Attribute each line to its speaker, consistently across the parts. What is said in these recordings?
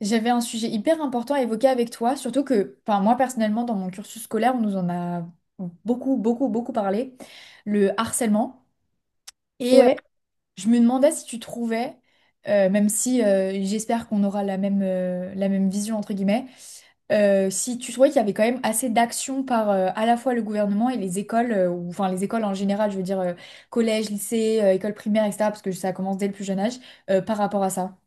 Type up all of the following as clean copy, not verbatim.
Speaker 1: J'avais un sujet hyper important à évoquer avec toi, surtout que, enfin, moi personnellement, dans mon cursus scolaire, on nous en a beaucoup, beaucoup, beaucoup parlé, le harcèlement. Et euh,
Speaker 2: Ouais,
Speaker 1: je me demandais si tu trouvais, même si j'espère qu'on aura la même vision, entre guillemets, si tu trouvais qu'il y avait quand même assez d'actions par à la fois le gouvernement et les écoles, ou enfin les écoles en général, je veux dire, collège, lycée, école primaire, etc., parce que ça commence dès le plus jeune âge, par rapport à ça.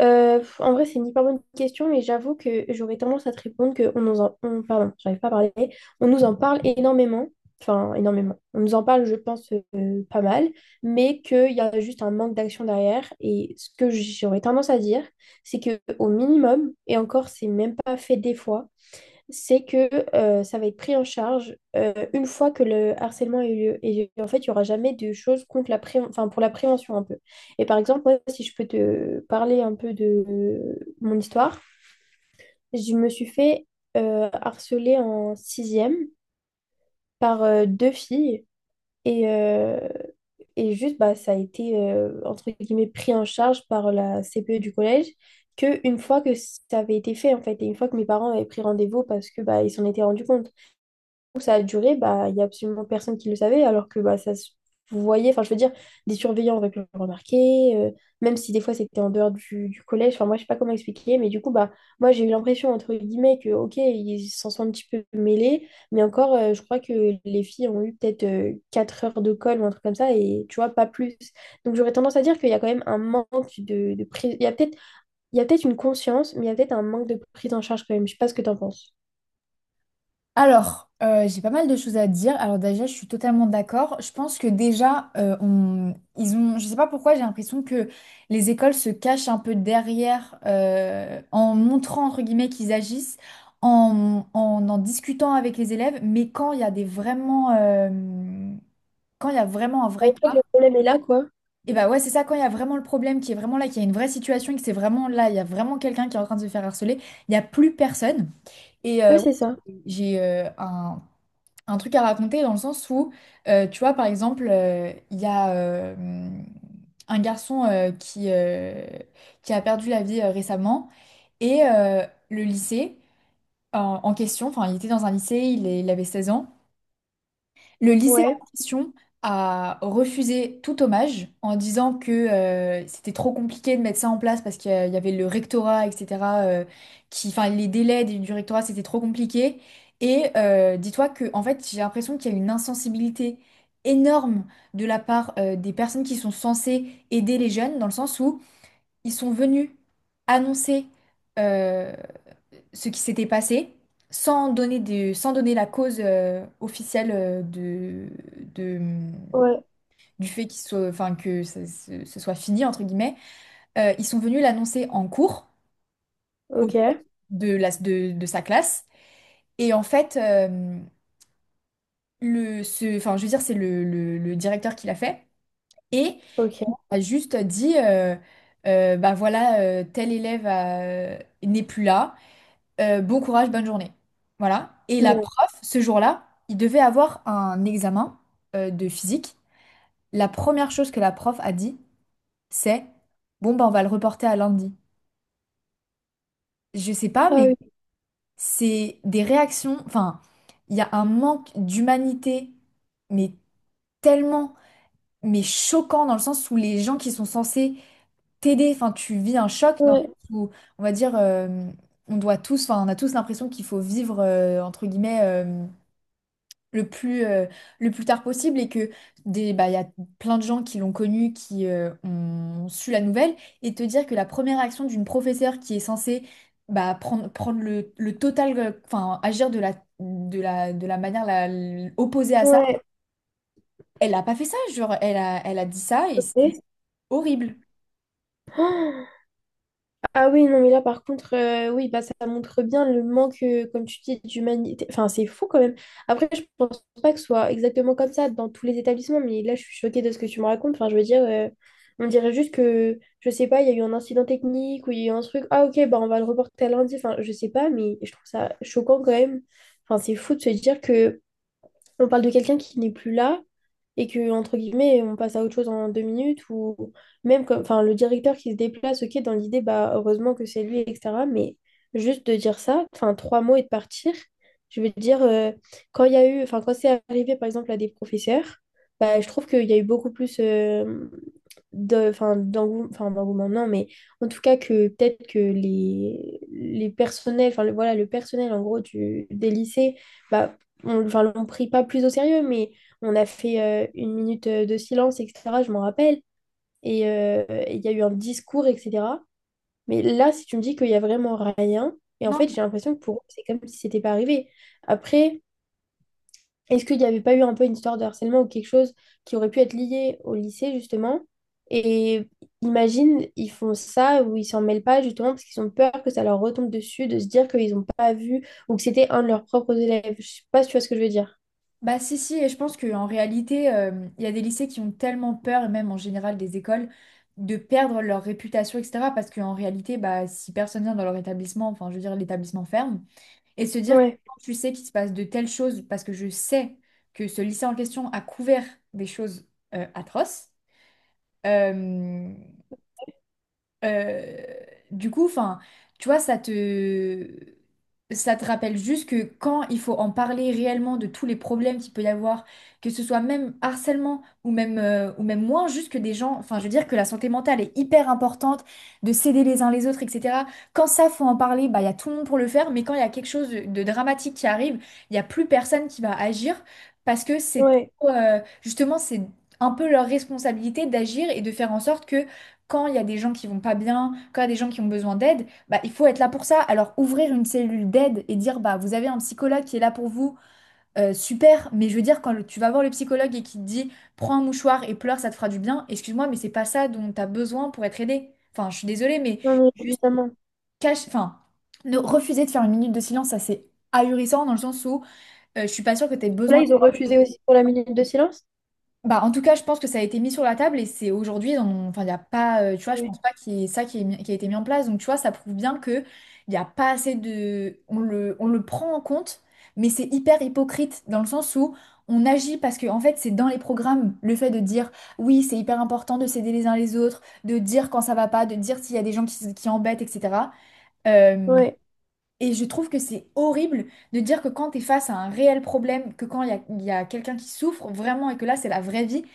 Speaker 2: pff, en vrai, c'est une hyper bonne question, mais j'avoue que j'aurais tendance à te répondre que on nous en... on- pardon, j'arrive pas à parler. On nous en parle énormément, enfin énormément. On nous en parle, je pense, pas mal, mais qu'il y a juste un manque d'action derrière. Et ce que j'aurais tendance à dire, c'est que au minimum, et encore, c'est même pas fait des fois, c'est que ça va être pris en charge une fois que le harcèlement a eu lieu. Et en fait, il n'y aura jamais de choses contre enfin, pour la prévention un peu. Et par exemple, moi, si je peux te parler un peu de mon histoire, je me suis fait harceler en sixième par deux filles. Et, euh, et juste, bah, ça a été, entre guillemets, pris en charge par la CPE du collège. Que une fois que ça avait été fait en fait et une fois que mes parents avaient pris rendez-vous parce que bah ils s'en étaient rendus compte où ça a duré, bah, il n'y a absolument personne qui le savait, alors que bah, ça se voyait, enfin je veux dire, des surveillants auraient pu le remarquer, même si des fois c'était en dehors du collège, enfin moi je sais pas comment expliquer, mais du coup, bah, moi j'ai eu l'impression, entre guillemets, que ok, ils s'en sont un petit peu mêlés, mais encore, je crois que les filles ont eu peut-être 4 heures de colle ou un truc comme ça, et tu vois, pas plus. Donc j'aurais tendance à dire qu'il y a quand même un manque de prise, il y a peut-être une conscience, mais il y a peut-être un manque de prise en charge quand même, je sais pas ce que t'en penses.
Speaker 1: Alors, j'ai pas mal de choses à dire. Alors déjà, je suis totalement d'accord. Je pense que déjà, ils ont, je sais pas pourquoi, j'ai l'impression que les écoles se cachent un peu derrière, en montrant entre guillemets qu'ils agissent, en discutant avec les élèves. Mais quand il y a des vraiment, quand il y a vraiment un
Speaker 2: Je
Speaker 1: vrai cas,
Speaker 2: crois que le problème est là, quoi.
Speaker 1: et bah ouais, c'est ça. Quand il y a vraiment le problème, qui est vraiment là, qu'il y a une vraie situation, et que c'est vraiment là, il y a vraiment quelqu'un qui est en train de se faire harceler, il n'y a plus personne.
Speaker 2: Ouais,
Speaker 1: Ouais,
Speaker 2: c'est ça.
Speaker 1: j'ai un truc à raconter dans le sens où, tu vois, par exemple, il y a un garçon qui a perdu la vie récemment et euh, le lycée en question, enfin, il était dans un lycée, il avait 16 ans. Le lycée
Speaker 2: Ouais,
Speaker 1: en question a refusé tout hommage en disant que c'était trop compliqué de mettre ça en place parce qu'il y avait le rectorat, etc. Qui, enfin, les délais du rectorat, c'était trop compliqué. Dis-toi que, en fait, j'ai l'impression qu'il y a une insensibilité énorme de la part des personnes qui sont censées aider les jeunes, dans le sens où ils sont venus annoncer euh, ce qui s'était passé sans sans donner la cause officielle de, mm,
Speaker 2: ouais,
Speaker 1: du fait qu'il soit, enfin, que ce soit fini, entre guillemets. Ils sont venus l'annoncer en cours au
Speaker 2: ok,
Speaker 1: directeur de sa classe. Et en fait, enfin, je veux dire, c'est le directeur qui l'a fait. Et il
Speaker 2: ok.
Speaker 1: a juste dit, bah voilà, n'est plus là. Bon courage, bonne journée. Voilà. Et la
Speaker 2: Non.
Speaker 1: prof, ce jour-là, il devait avoir un examen de physique. La première chose que la prof a dit, c'est, bon, ben, on va le reporter à lundi. Je sais pas,
Speaker 2: Ah
Speaker 1: mais
Speaker 2: oui,
Speaker 1: c'est des réactions, enfin, il y a un manque d'humanité, mais tellement, mais choquant dans le sens où les gens qui sont censés t'aider, enfin, tu vis un choc dans le
Speaker 2: ouais,
Speaker 1: sens où, on va dire, on doit tous, enfin, on a tous l'impression qu'il faut vivre, entre guillemets, le plus, euh, le plus tard possible et que des, bah, il y a plein de gens qui l'ont connu, qui ont su la nouvelle, et te dire que la première action d'une professeure qui est censée bah, prendre le total, enfin agir de la manière opposée à ça,
Speaker 2: ouais.
Speaker 1: elle n'a pas fait ça, genre elle a dit ça et c'est
Speaker 2: Et-
Speaker 1: horrible.
Speaker 2: Ah ah oui, non, mais là, par contre, oui, bah, ça montre bien le manque, comme tu dis, d'humanité. Enfin, c'est fou quand même. Après, je pense pas que ce soit exactement comme ça dans tous les établissements, mais là, je suis choquée de ce que tu me racontes. Enfin, je veux dire, on dirait juste que, je sais pas, il y a eu un incident technique ou il y a eu un truc. Ah, ok, bah, on va le reporter à lundi. Enfin, je sais pas, mais je trouve ça choquant quand même. Enfin, c'est fou de se dire que on parle de quelqu'un qui n'est plus là et que, entre guillemets, on passe à autre chose en deux minutes ou même comme, enfin, le directeur qui se déplace, ok, dans l'idée, bah, heureusement que c'est lui, etc. Mais juste de dire ça, enfin, trois mots et de partir, je veux dire, quand il y a eu, enfin, quand c'est arrivé, par exemple, à des professeurs, bah, je trouve qu'il y a eu beaucoup plus de, enfin, d'engouement, non, mais en tout cas que peut-être les personnels, enfin, le- voilà, le personnel, en gros, des lycées, bah, on, enfin, l'on prit pas plus au sérieux, mais on a fait une minute de silence, etc. Je m'en rappelle. Et il y a eu un discours, etc. Mais là, si tu me dis qu'il y a vraiment rien, et en fait,
Speaker 1: Non,
Speaker 2: j'ai l'impression que pour eux, c'est comme si c'était pas arrivé. Après, est-ce qu'il n'y avait pas eu un peu une histoire de harcèlement ou quelque chose qui aurait pu être lié au lycée, justement? Et imagine, ils font ça ou ils s'en mêlent pas, justement, parce qu'ils ont peur que ça leur retombe dessus, de se dire qu'ils n'ont pas vu ou que c'était un de leurs propres élèves. Je sais pas si tu vois ce que je veux dire.
Speaker 1: bah si si et je pense qu'en réalité il y a des lycées qui ont tellement peur et même en général des écoles de perdre leur réputation etc parce qu'en réalité bah si personne vient dans leur établissement enfin je veux dire l'établissement ferme et se dire que
Speaker 2: Ouais,
Speaker 1: quand tu sais qu'il se passe de telles choses parce que je sais que ce lycée en question a couvert des choses atroces euh, euh, du coup, enfin, tu vois, ça te rappelle juste que quand il faut en parler réellement de tous les problèmes qu'il peut y avoir, que ce soit même harcèlement ou même, ou même moins, juste que des gens, enfin, je veux dire que la santé mentale est hyper importante, de s'aider les uns les autres, etc. Quand ça, faut en parler, bah, il y a tout le monde pour le faire, mais quand il y a quelque chose de dramatique qui arrive, il n'y a plus personne qui va agir parce que c'est,
Speaker 2: ouais.
Speaker 1: justement, c'est un peu leur responsabilité d'agir et de faire en sorte que quand il y a des gens qui vont pas bien, quand il y a des gens qui ont besoin d'aide, bah, il faut être là pour ça. Alors ouvrir une cellule d'aide et dire bah vous avez un psychologue qui est là pour vous, super, mais je veux dire tu vas voir le psychologue et qu'il te dit prends un mouchoir et pleure, ça te fera du bien, excuse-moi, mais c'est pas ça dont tu as besoin pour être aidé. Enfin, je suis désolée, mais
Speaker 2: Non, mais
Speaker 1: juste
Speaker 2: évidemment.
Speaker 1: cache, enfin, ne refuser de faire une minute de silence, ça c'est ahurissant dans le sens où je suis pas sûre que tu aies
Speaker 2: Là,
Speaker 1: besoin.
Speaker 2: ils ont refusé aussi pour la minute de silence.
Speaker 1: Bah, en tout cas, je pense que ça a été mis sur la table et c'est aujourd'hui, enfin, il y a pas, tu vois, je
Speaker 2: Ouais.
Speaker 1: pense pas qu'il y ait ça qui, qui a été mis en place. Donc, tu vois, ça prouve bien que il y a pas assez de, on le prend en compte, mais c'est hyper hypocrite dans le sens où on agit parce que, en fait, c'est dans les programmes le fait de dire oui, c'est hyper important de s'aider les uns les autres, de dire quand ça va pas, de dire s'il y a des gens qui embêtent, etc.
Speaker 2: Ouais.
Speaker 1: Et je trouve que c'est horrible de dire que quand tu es face à un réel problème, que quand il y a quelqu'un qui souffre vraiment et que là c'est la vraie vie,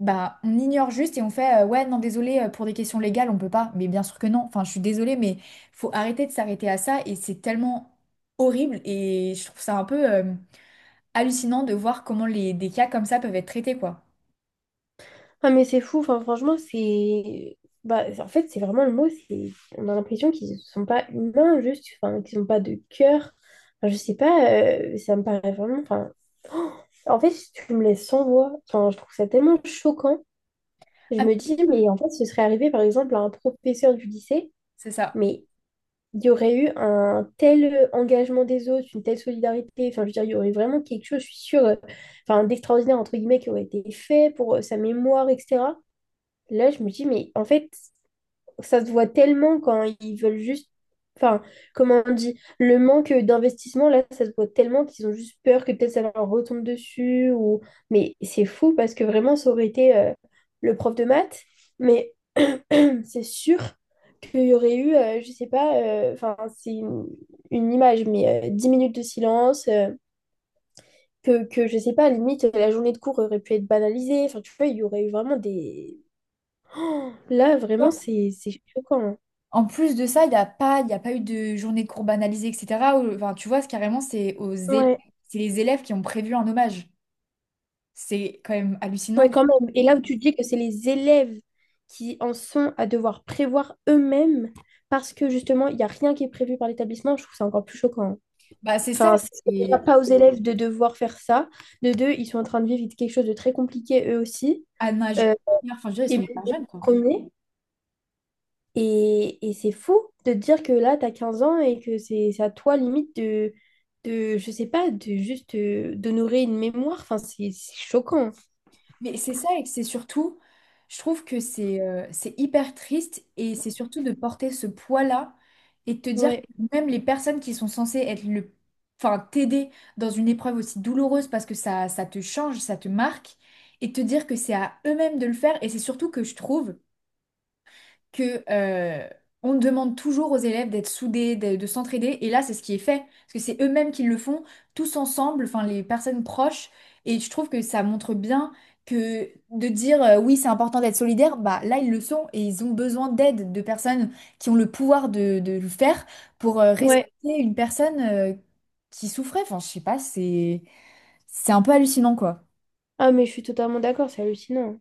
Speaker 1: bah on ignore juste et on fait ouais non désolé pour des questions légales on peut pas. Mais bien sûr que non. Enfin je suis désolée mais faut arrêter de s'arrêter à ça et c'est tellement horrible et je trouve ça un peu hallucinant de voir comment des cas comme ça peuvent être traités quoi.
Speaker 2: Ah, mais c'est fou. Enfin, franchement, c'est. Bah, en fait, c'est vraiment le mot. C'est... On a l'impression qu'ils ne sont pas humains, juste. Enfin, qu'ils n'ont pas de cœur. Enfin, je sais pas. Ça me paraît vraiment. Enfin... oh, en fait, tu me laisses sans voix. Enfin, je trouve ça tellement choquant. Je
Speaker 1: Ah,
Speaker 2: me dis, mais en fait, ce serait arrivé, par exemple, à un professeur du lycée.
Speaker 1: c'est ça.
Speaker 2: Mais il y aurait eu un tel engagement des autres, une telle solidarité. Enfin, je veux dire, il y aurait vraiment quelque chose, je suis sûre, enfin, d'extraordinaire, entre guillemets, qui aurait été fait pour sa mémoire, etc. Là, je me dis, mais en fait, ça se voit tellement quand ils veulent juste. Enfin, comment on dit? Le manque d'investissement, là, ça se voit tellement qu'ils ont juste peur que peut-être ça leur retombe dessus. Ou... Mais c'est fou parce que vraiment, ça aurait été le prof de maths. Mais c'est sûr qu'il y aurait eu, je sais pas, enfin, c'est une image, mais 10 minutes de silence, je sais pas, à la limite, la journée de cours aurait pu être banalisée. Enfin, tu vois, il y aurait eu vraiment des. Oh, là, vraiment, c'est choquant. Hein.
Speaker 1: En plus de ça, il y a pas eu de journée de cours banalisée, etc. Enfin, tu vois, c'est carrément, c'est aux élèves,
Speaker 2: Ouais.
Speaker 1: c'est les élèves qui ont prévu un hommage. C'est quand même
Speaker 2: Oui,
Speaker 1: hallucinant.
Speaker 2: quand même. Et là où tu dis que c'est les élèves qui en sont à devoir prévoir eux-mêmes parce que justement, il n'y a rien qui est prévu par l'établissement, je trouve ça encore plus choquant. Hein.
Speaker 1: Bah, c'est ça.
Speaker 2: Enfin, c'est déjà
Speaker 1: Et
Speaker 2: pas aux élèves de devoir faire ça. De deux, ils sont en train de vivre quelque chose de très compliqué eux aussi.
Speaker 1: à un âge,
Speaker 2: Euh,
Speaker 1: enfin, je veux dire, ils
Speaker 2: et
Speaker 1: sont
Speaker 2: même
Speaker 1: hyper
Speaker 2: eux, les
Speaker 1: jeunes, quoi.
Speaker 2: premiers. Et c'est fou de te dire que là, tu as 15 ans et que c'est à toi limite de, je sais pas, de juste d'honorer une mémoire. Enfin, c'est choquant.
Speaker 1: Mais c'est ça et que c'est surtout, je trouve que c'est hyper triste et c'est surtout de porter ce poids-là et de te dire que
Speaker 2: Ouais.
Speaker 1: même les personnes qui sont censées être enfin t'aider dans une épreuve aussi douloureuse parce que ça te change, ça te marque et de te dire que c'est à eux-mêmes de le faire et c'est surtout que je trouve que on demande toujours aux élèves d'être soudés, de s'entraider, et là c'est ce qui est fait, parce que c'est eux-mêmes qui le font, tous ensemble, enfin les personnes proches, et je trouve que ça montre bien que de dire oui c'est important d'être solidaire, bah là ils le sont, et ils ont besoin d'aide, de personnes qui ont le pouvoir de le faire pour respecter
Speaker 2: Ouais.
Speaker 1: une personne qui souffrait, enfin je sais pas, c'est un peu hallucinant quoi.
Speaker 2: Ah, mais je suis totalement d'accord, c'est hallucinant.